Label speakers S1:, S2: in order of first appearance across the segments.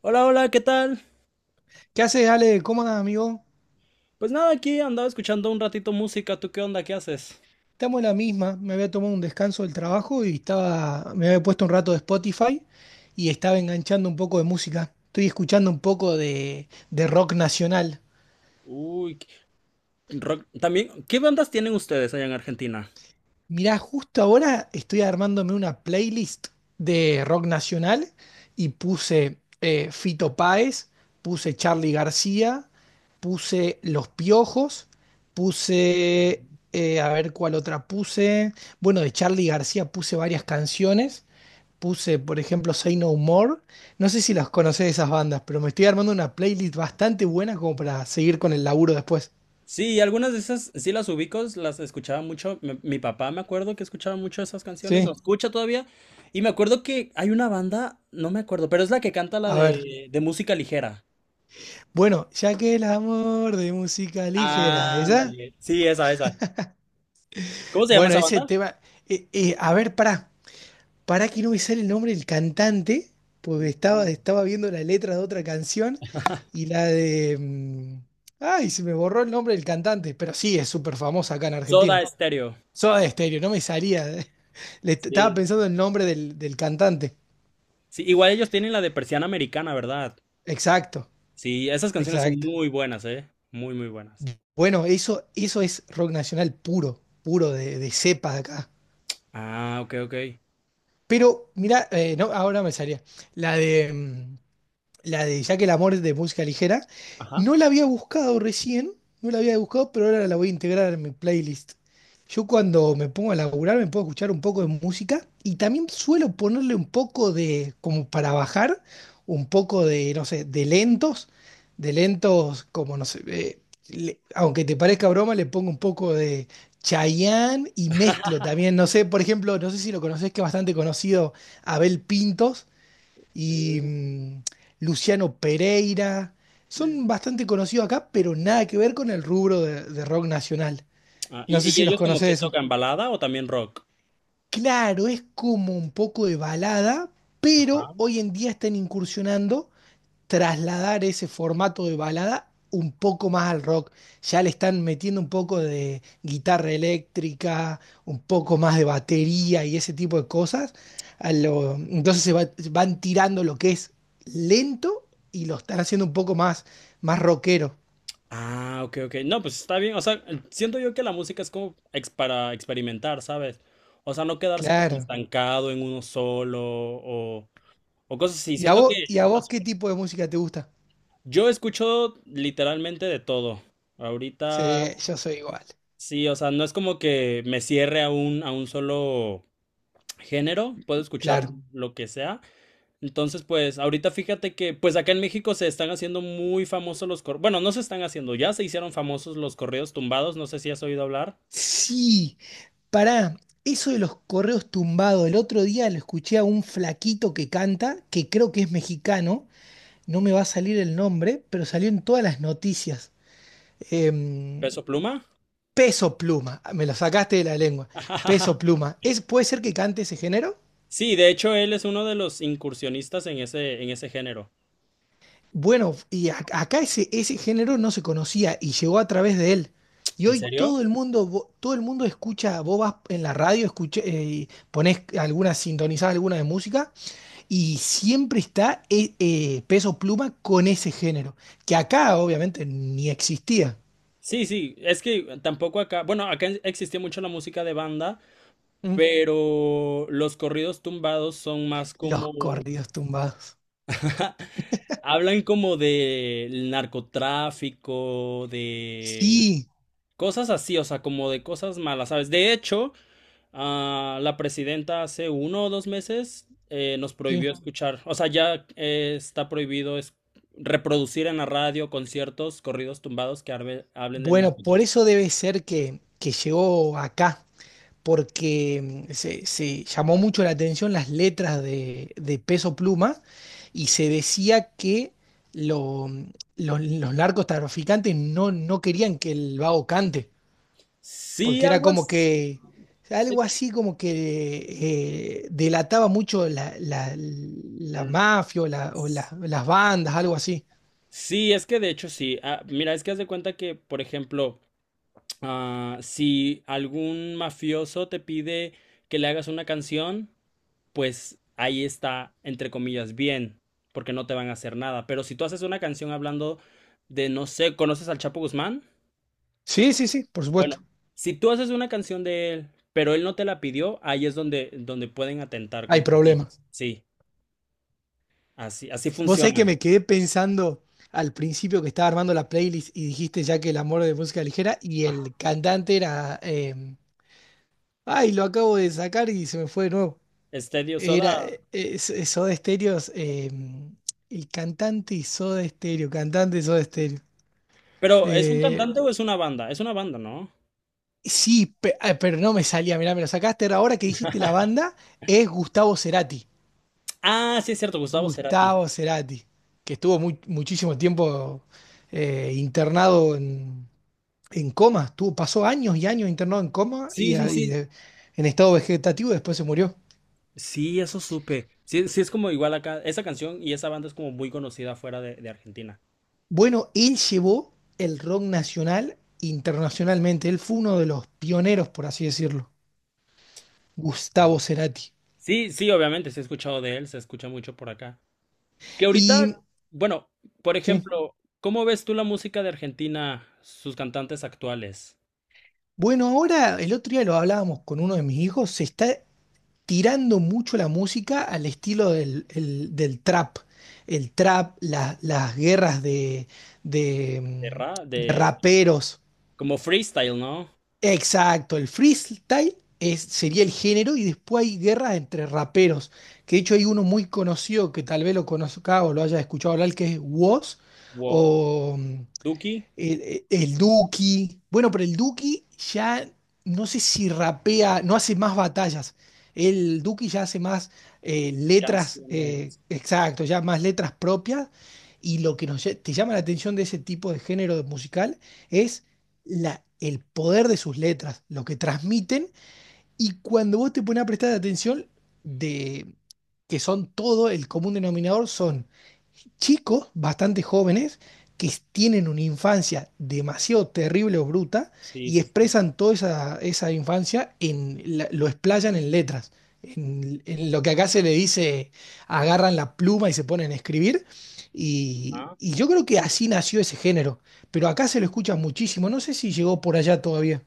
S1: Hola, hola, ¿qué tal?
S2: ¿Qué haces, Ale? ¿Cómo andas, amigo?
S1: Pues nada, aquí andaba escuchando un ratito música. ¿Tú qué onda? ¿Qué haces?
S2: Estamos en la misma. Me había tomado un descanso del trabajo y estaba, me había puesto un rato de Spotify y estaba enganchando un poco de música. Estoy escuchando un poco de rock nacional.
S1: Uy, qué- rock. También, ¿qué bandas tienen ustedes allá en Argentina?
S2: Mirá, justo ahora estoy armándome una playlist de rock nacional y puse Fito Páez, puse Charly García, puse Los Piojos, puse, a ver cuál otra puse. Bueno, de Charly García puse varias canciones. Puse, por ejemplo, Say No More. No sé si las conocés esas bandas, pero me estoy armando una playlist bastante buena como para seguir con el laburo después.
S1: Sí, algunas de esas sí las ubico, las escuchaba mucho. Mi papá me acuerdo que escuchaba mucho esas canciones, o
S2: Sí,
S1: escucha todavía. Y me acuerdo que hay una banda, no me acuerdo, pero es la que canta la
S2: a ver.
S1: de música ligera.
S2: Bueno, ya que el amor de música ligera, ¿esa?
S1: Ándale. Sí, esa, esa. ¿Cómo se llama
S2: Bueno,
S1: esa
S2: ese
S1: banda?
S2: tema. A ver, pará que no me sale el nombre del cantante, porque estaba viendo la letra de otra canción y la de. Ay, se me borró el nombre del cantante, pero sí, es súper famosa acá en Argentina.
S1: Soda Stereo.
S2: Soda Stereo, no me salía. Estaba
S1: Sí,
S2: pensando el nombre del cantante.
S1: sí, igual ellos tienen la de Persiana Americana, ¿verdad?
S2: Exacto,
S1: Sí, esas canciones son
S2: exacto.
S1: muy buenas, ¿eh? Muy, muy buenas.
S2: Bueno, eso es rock nacional puro, puro de cepa de acá.
S1: Ah, ok, ok.
S2: Pero mira, no, ahora me salía. La de. La de Ya que el amor es de música ligera.
S1: Ajá.
S2: No la había buscado recién, no la había buscado, pero ahora la voy a integrar en mi playlist. Yo cuando me pongo a laburar me puedo escuchar un poco de música y también suelo ponerle un poco de, como para bajar, un poco de, no sé, de lentos como, no sé, le- aunque te parezca broma, le pongo un poco de Chayanne y mezclo también, no sé, por ejemplo, no sé si lo conoces, que es bastante conocido, Abel Pintos y Luciano Pereira.
S1: Mm.
S2: Son bastante conocidos acá, pero nada que ver con el rubro de rock nacional.
S1: Ah,
S2: No sé
S1: y
S2: si los
S1: ellos como
S2: conoces
S1: que
S2: eso.
S1: tocan balada o también rock?
S2: Claro, es como un poco de balada,
S1: Ajá.
S2: pero hoy en día están incursionando trasladar ese formato de balada un poco más al rock. Ya le están metiendo un poco de guitarra eléctrica, un poco más de batería y ese tipo de cosas. A lo- entonces se va- van tirando lo que es lento y lo están haciendo un poco más, más rockero.
S1: Ah, ok, ok. No, pues está bien. O sea, siento yo que la música es como ex- para experimentar, ¿sabes? O sea, no quedarse como
S2: Claro.
S1: estancado en uno solo o cosas así. Siento que
S2: Y a
S1: está
S2: vos qué
S1: súper.
S2: tipo de música te gusta?
S1: Yo escucho literalmente de todo. Ahorita
S2: Sí, yo soy igual.
S1: sí, o sea, no es como que me cierre a un solo género, puedo escuchar
S2: Claro.
S1: lo que sea. Entonces, pues, ahorita fíjate que, pues acá en México se están haciendo muy famosos los corridos, bueno, no se están haciendo, ya se hicieron famosos los corridos tumbados, no sé si has oído hablar.
S2: Sí. Pará, eso de los correos tumbados, el otro día lo escuché a un flaquito que canta, que creo que es mexicano, no me va a salir el nombre, pero salió en todas las noticias. Em,
S1: Peso Pluma.
S2: Peso Pluma, me lo sacaste de la lengua. Peso Pluma, ¿es, ¿puede ser que cante ese género?
S1: Sí, de hecho, él es uno de los incursionistas en ese género.
S2: Bueno, y a- acá ese, ese género no se conocía y llegó a través de él. Y
S1: ¿En
S2: hoy
S1: serio?
S2: todo el mundo, vo- todo el mundo escucha, vos vas en la radio, escuché, y ponés alguna, sintonizás alguna de música. Y siempre está Peso Pluma con ese género, que acá obviamente ni existía.
S1: Sí, sí, es que tampoco acá, bueno, acá en- existía mucho la música de banda,
S2: Mm.
S1: pero los corridos tumbados son más
S2: Los
S1: como...
S2: corridos tumbados.
S1: Hablan como del narcotráfico, de
S2: Sí,
S1: cosas así, o sea, como de cosas malas, ¿sabes? De hecho, ah, la presidenta hace uno o dos meses nos
S2: sí.
S1: prohibió escuchar, o sea, ya está prohibido es- reproducir en la radio conciertos, corridos tumbados que arbe- hablen del
S2: Bueno, por
S1: narcotráfico.
S2: eso debe ser que llegó acá, porque se, se llamó mucho la atención las letras de Peso Pluma y se decía que lo- los narcotraficantes no querían que el vago cante.
S1: Sí,
S2: Porque era
S1: algo
S2: como
S1: así.
S2: que
S1: Es
S2: algo
S1: que-
S2: así como que delataba mucho la, la, la
S1: mm,
S2: mafia o la-
S1: s-
S2: las bandas, algo así.
S1: sí, es que de hecho sí. Ah, mira, es que haz de cuenta que, por ejemplo, ah, si algún mafioso te pide que le hagas una canción, pues ahí está, entre comillas, bien, porque no te van a hacer nada. Pero si tú haces una canción hablando de, no sé, ¿conoces al Chapo Guzmán?
S2: Sí, sí, sí, por
S1: Bueno,
S2: supuesto,
S1: si tú haces una canción de él, pero él no te la pidió, ahí es donde, donde pueden atentar
S2: hay
S1: contra ti.
S2: problemas.
S1: Sí, así, así
S2: Vos sabés que
S1: funciona.
S2: me quedé pensando al principio que estaba armando la playlist y dijiste ya que el amor de música ligera y
S1: Ajá.
S2: el cantante era... ay, lo acabo de sacar y se me fue de nuevo.
S1: Estadio
S2: Era
S1: Soda.
S2: eso de Soda Stereo, el cantante y Soda Stereo, cantante y Soda Stereo.
S1: Pero, ¿es un
S2: Eh,
S1: cantante o es una banda? Es una banda, ¿no?
S2: Sí, pero no me salía, mirá, me lo sacaste. Ahora que dijiste la banda, es Gustavo Cerati.
S1: Ah, sí, es cierto, Gustavo Cerati.
S2: Gustavo Cerati, que estuvo muchísimo tiempo internado en coma. Estuvo, pasó años y años internado en coma
S1: Sí, sí, sí.
S2: en estado vegetativo, y después se murió.
S1: Sí, eso supe. Sí, sí, es como igual acá. Esa canción y esa banda es como muy conocida fuera de Argentina.
S2: Bueno, él llevó el rock nacional internacionalmente. Él fue uno de los pioneros, por así decirlo. Gustavo Cerati.
S1: Sí, sí, obviamente, sí he escuchado de él, se escucha mucho por acá. Que
S2: Y
S1: ahorita, bueno, por
S2: sí.
S1: ejemplo, ¿cómo ves tú la música de Argentina, sus cantantes actuales?
S2: Bueno, ahora el otro día lo hablábamos con uno de mis hijos, se está tirando mucho la música al estilo del trap. El trap, la- las guerras de
S1: De ra,
S2: de
S1: de
S2: raperos.
S1: como freestyle, ¿no?
S2: Exacto, el freestyle es, sería el género y después hay guerras entre raperos. Que de hecho hay uno muy conocido que tal vez lo conozca o lo haya escuchado hablar que es Woz
S1: Wo-
S2: o
S1: Duki,
S2: el Duki. Bueno, pero el Duki ya no sé si rapea, no hace más batallas. El Duki ya hace más letras,
S1: canciones.
S2: exacto, ya más letras propias. Y lo que nos, lle- te llama la atención de ese tipo de género de musical es la, el poder de sus letras, lo que transmiten. Y cuando vos te pones a prestar atención, de que son todo, el común denominador son chicos, bastante jóvenes, que tienen una infancia demasiado terrible o bruta
S1: Sí,
S2: y
S1: sí,
S2: expresan toda esa, esa infancia, en, la- lo explayan en letras. En lo que acá se le dice, agarran la pluma y se ponen a escribir.
S1: sí.
S2: Y yo creo que así nació ese género. Pero acá se lo escucha muchísimo. No sé si llegó por allá todavía.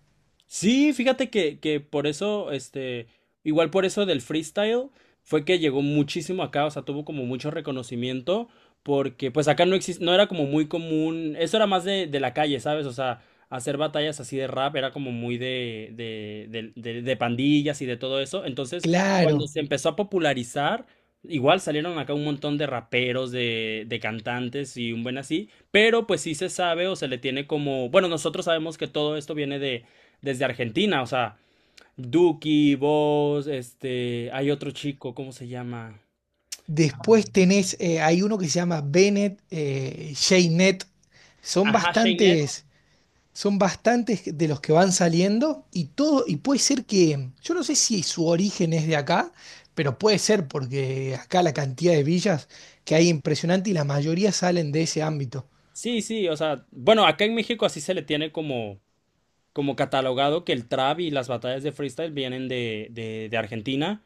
S1: Sí, fíjate que por eso, este, igual por eso del freestyle, fue que llegó muchísimo acá, o sea, tuvo como mucho reconocimiento, porque pues acá no existe, no era como muy común, eso era más de la calle, ¿sabes? O sea, hacer batallas así de rap era como muy de, del- de pandillas y de todo eso, entonces cuando
S2: Claro.
S1: se empezó a popularizar, igual salieron acá un montón de raperos, de cantantes y un buen así, pero pues sí se sabe o se le tiene como, bueno, nosotros sabemos que todo esto viene desde Argentina, o sea, Duki, vos, este, hay otro chico, ¿cómo se llama?
S2: Después tenés, hay uno que se llama Bennett, Jaynet. Son
S1: Ajá, Shaynet.
S2: bastantes. Son bastantes de los que van saliendo y todo, y puede ser que, yo no sé si su origen es de acá, pero puede ser porque acá la cantidad de villas que hay impresionante y la mayoría salen de ese ámbito.
S1: Sí, sí, o sea, bueno, acá en México así se le tiene como, como catalogado que el trap y las batallas de freestyle vienen de Argentina.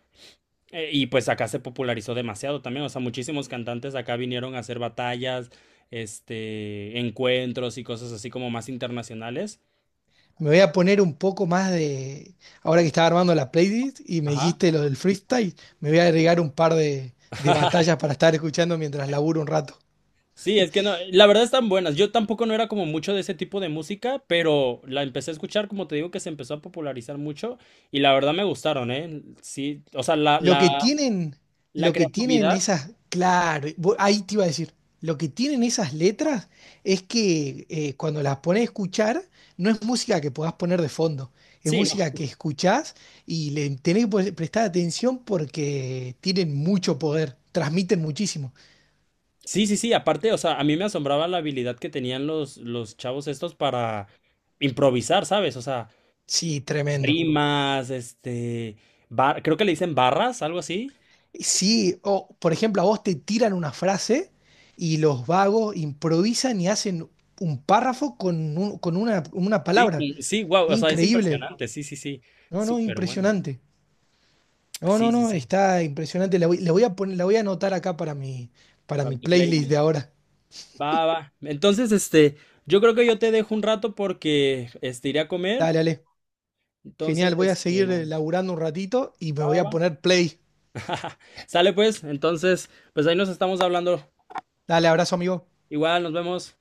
S1: Y pues acá se popularizó demasiado también, o sea, muchísimos cantantes acá vinieron a hacer batallas, este, encuentros y cosas así como más internacionales.
S2: Me voy a poner un poco más de, ahora que estaba armando la playlist y me
S1: Ajá.
S2: dijiste lo del freestyle, me voy a agregar un par de batallas para estar escuchando mientras laburo un rato.
S1: Sí, es que no, la verdad están buenas. Yo tampoco no era como mucho de ese tipo de música, pero la empecé a escuchar, como te digo, que se empezó a popularizar mucho y la verdad me gustaron, ¿eh? Sí, o sea, la,
S2: Lo que
S1: la,
S2: tienen,
S1: la
S2: lo que tienen
S1: creatividad.
S2: esas, claro, vo- ahí te iba a decir, lo que tienen esas letras es que cuando las pones a escuchar, no es música que puedas poner de fondo, es
S1: Sí, ¿no?
S2: música que escuchás y le tenés que pre- prestar atención porque tienen mucho poder, transmiten muchísimo.
S1: Sí, sí, sí, aparte, o sea, a mí me asombraba la habilidad que tenían los chavos estos para improvisar, ¿sabes? O sea,
S2: Sí, tremendo.
S1: rimas, este, bar- creo que le dicen barras, algo así.
S2: Sí, o por ejemplo, a vos te tiran una frase y los vagos improvisan y hacen un párrafo con, un- con una
S1: Sí,
S2: palabra.
S1: sí, wow, o sea, es
S2: Increíble.
S1: impresionante, sí, sí, sí,
S2: No, no,
S1: súper bueno.
S2: impresionante. No,
S1: Sí,
S2: no,
S1: sí,
S2: no,
S1: sí,
S2: está impresionante. La voy a poner, la voy a anotar acá para
S1: para
S2: mi
S1: tu
S2: playlist de
S1: playlist.
S2: ahora.
S1: Va, va. Entonces, este, yo creo que yo te dejo un rato porque, este, iré a comer.
S2: Dale, dale.
S1: Entonces,
S2: Genial, voy a
S1: este,
S2: seguir laburando un ratito y me voy a poner play.
S1: sale pues. Entonces, pues ahí nos estamos hablando.
S2: Dale, abrazo, amigo.
S1: Igual, nos vemos.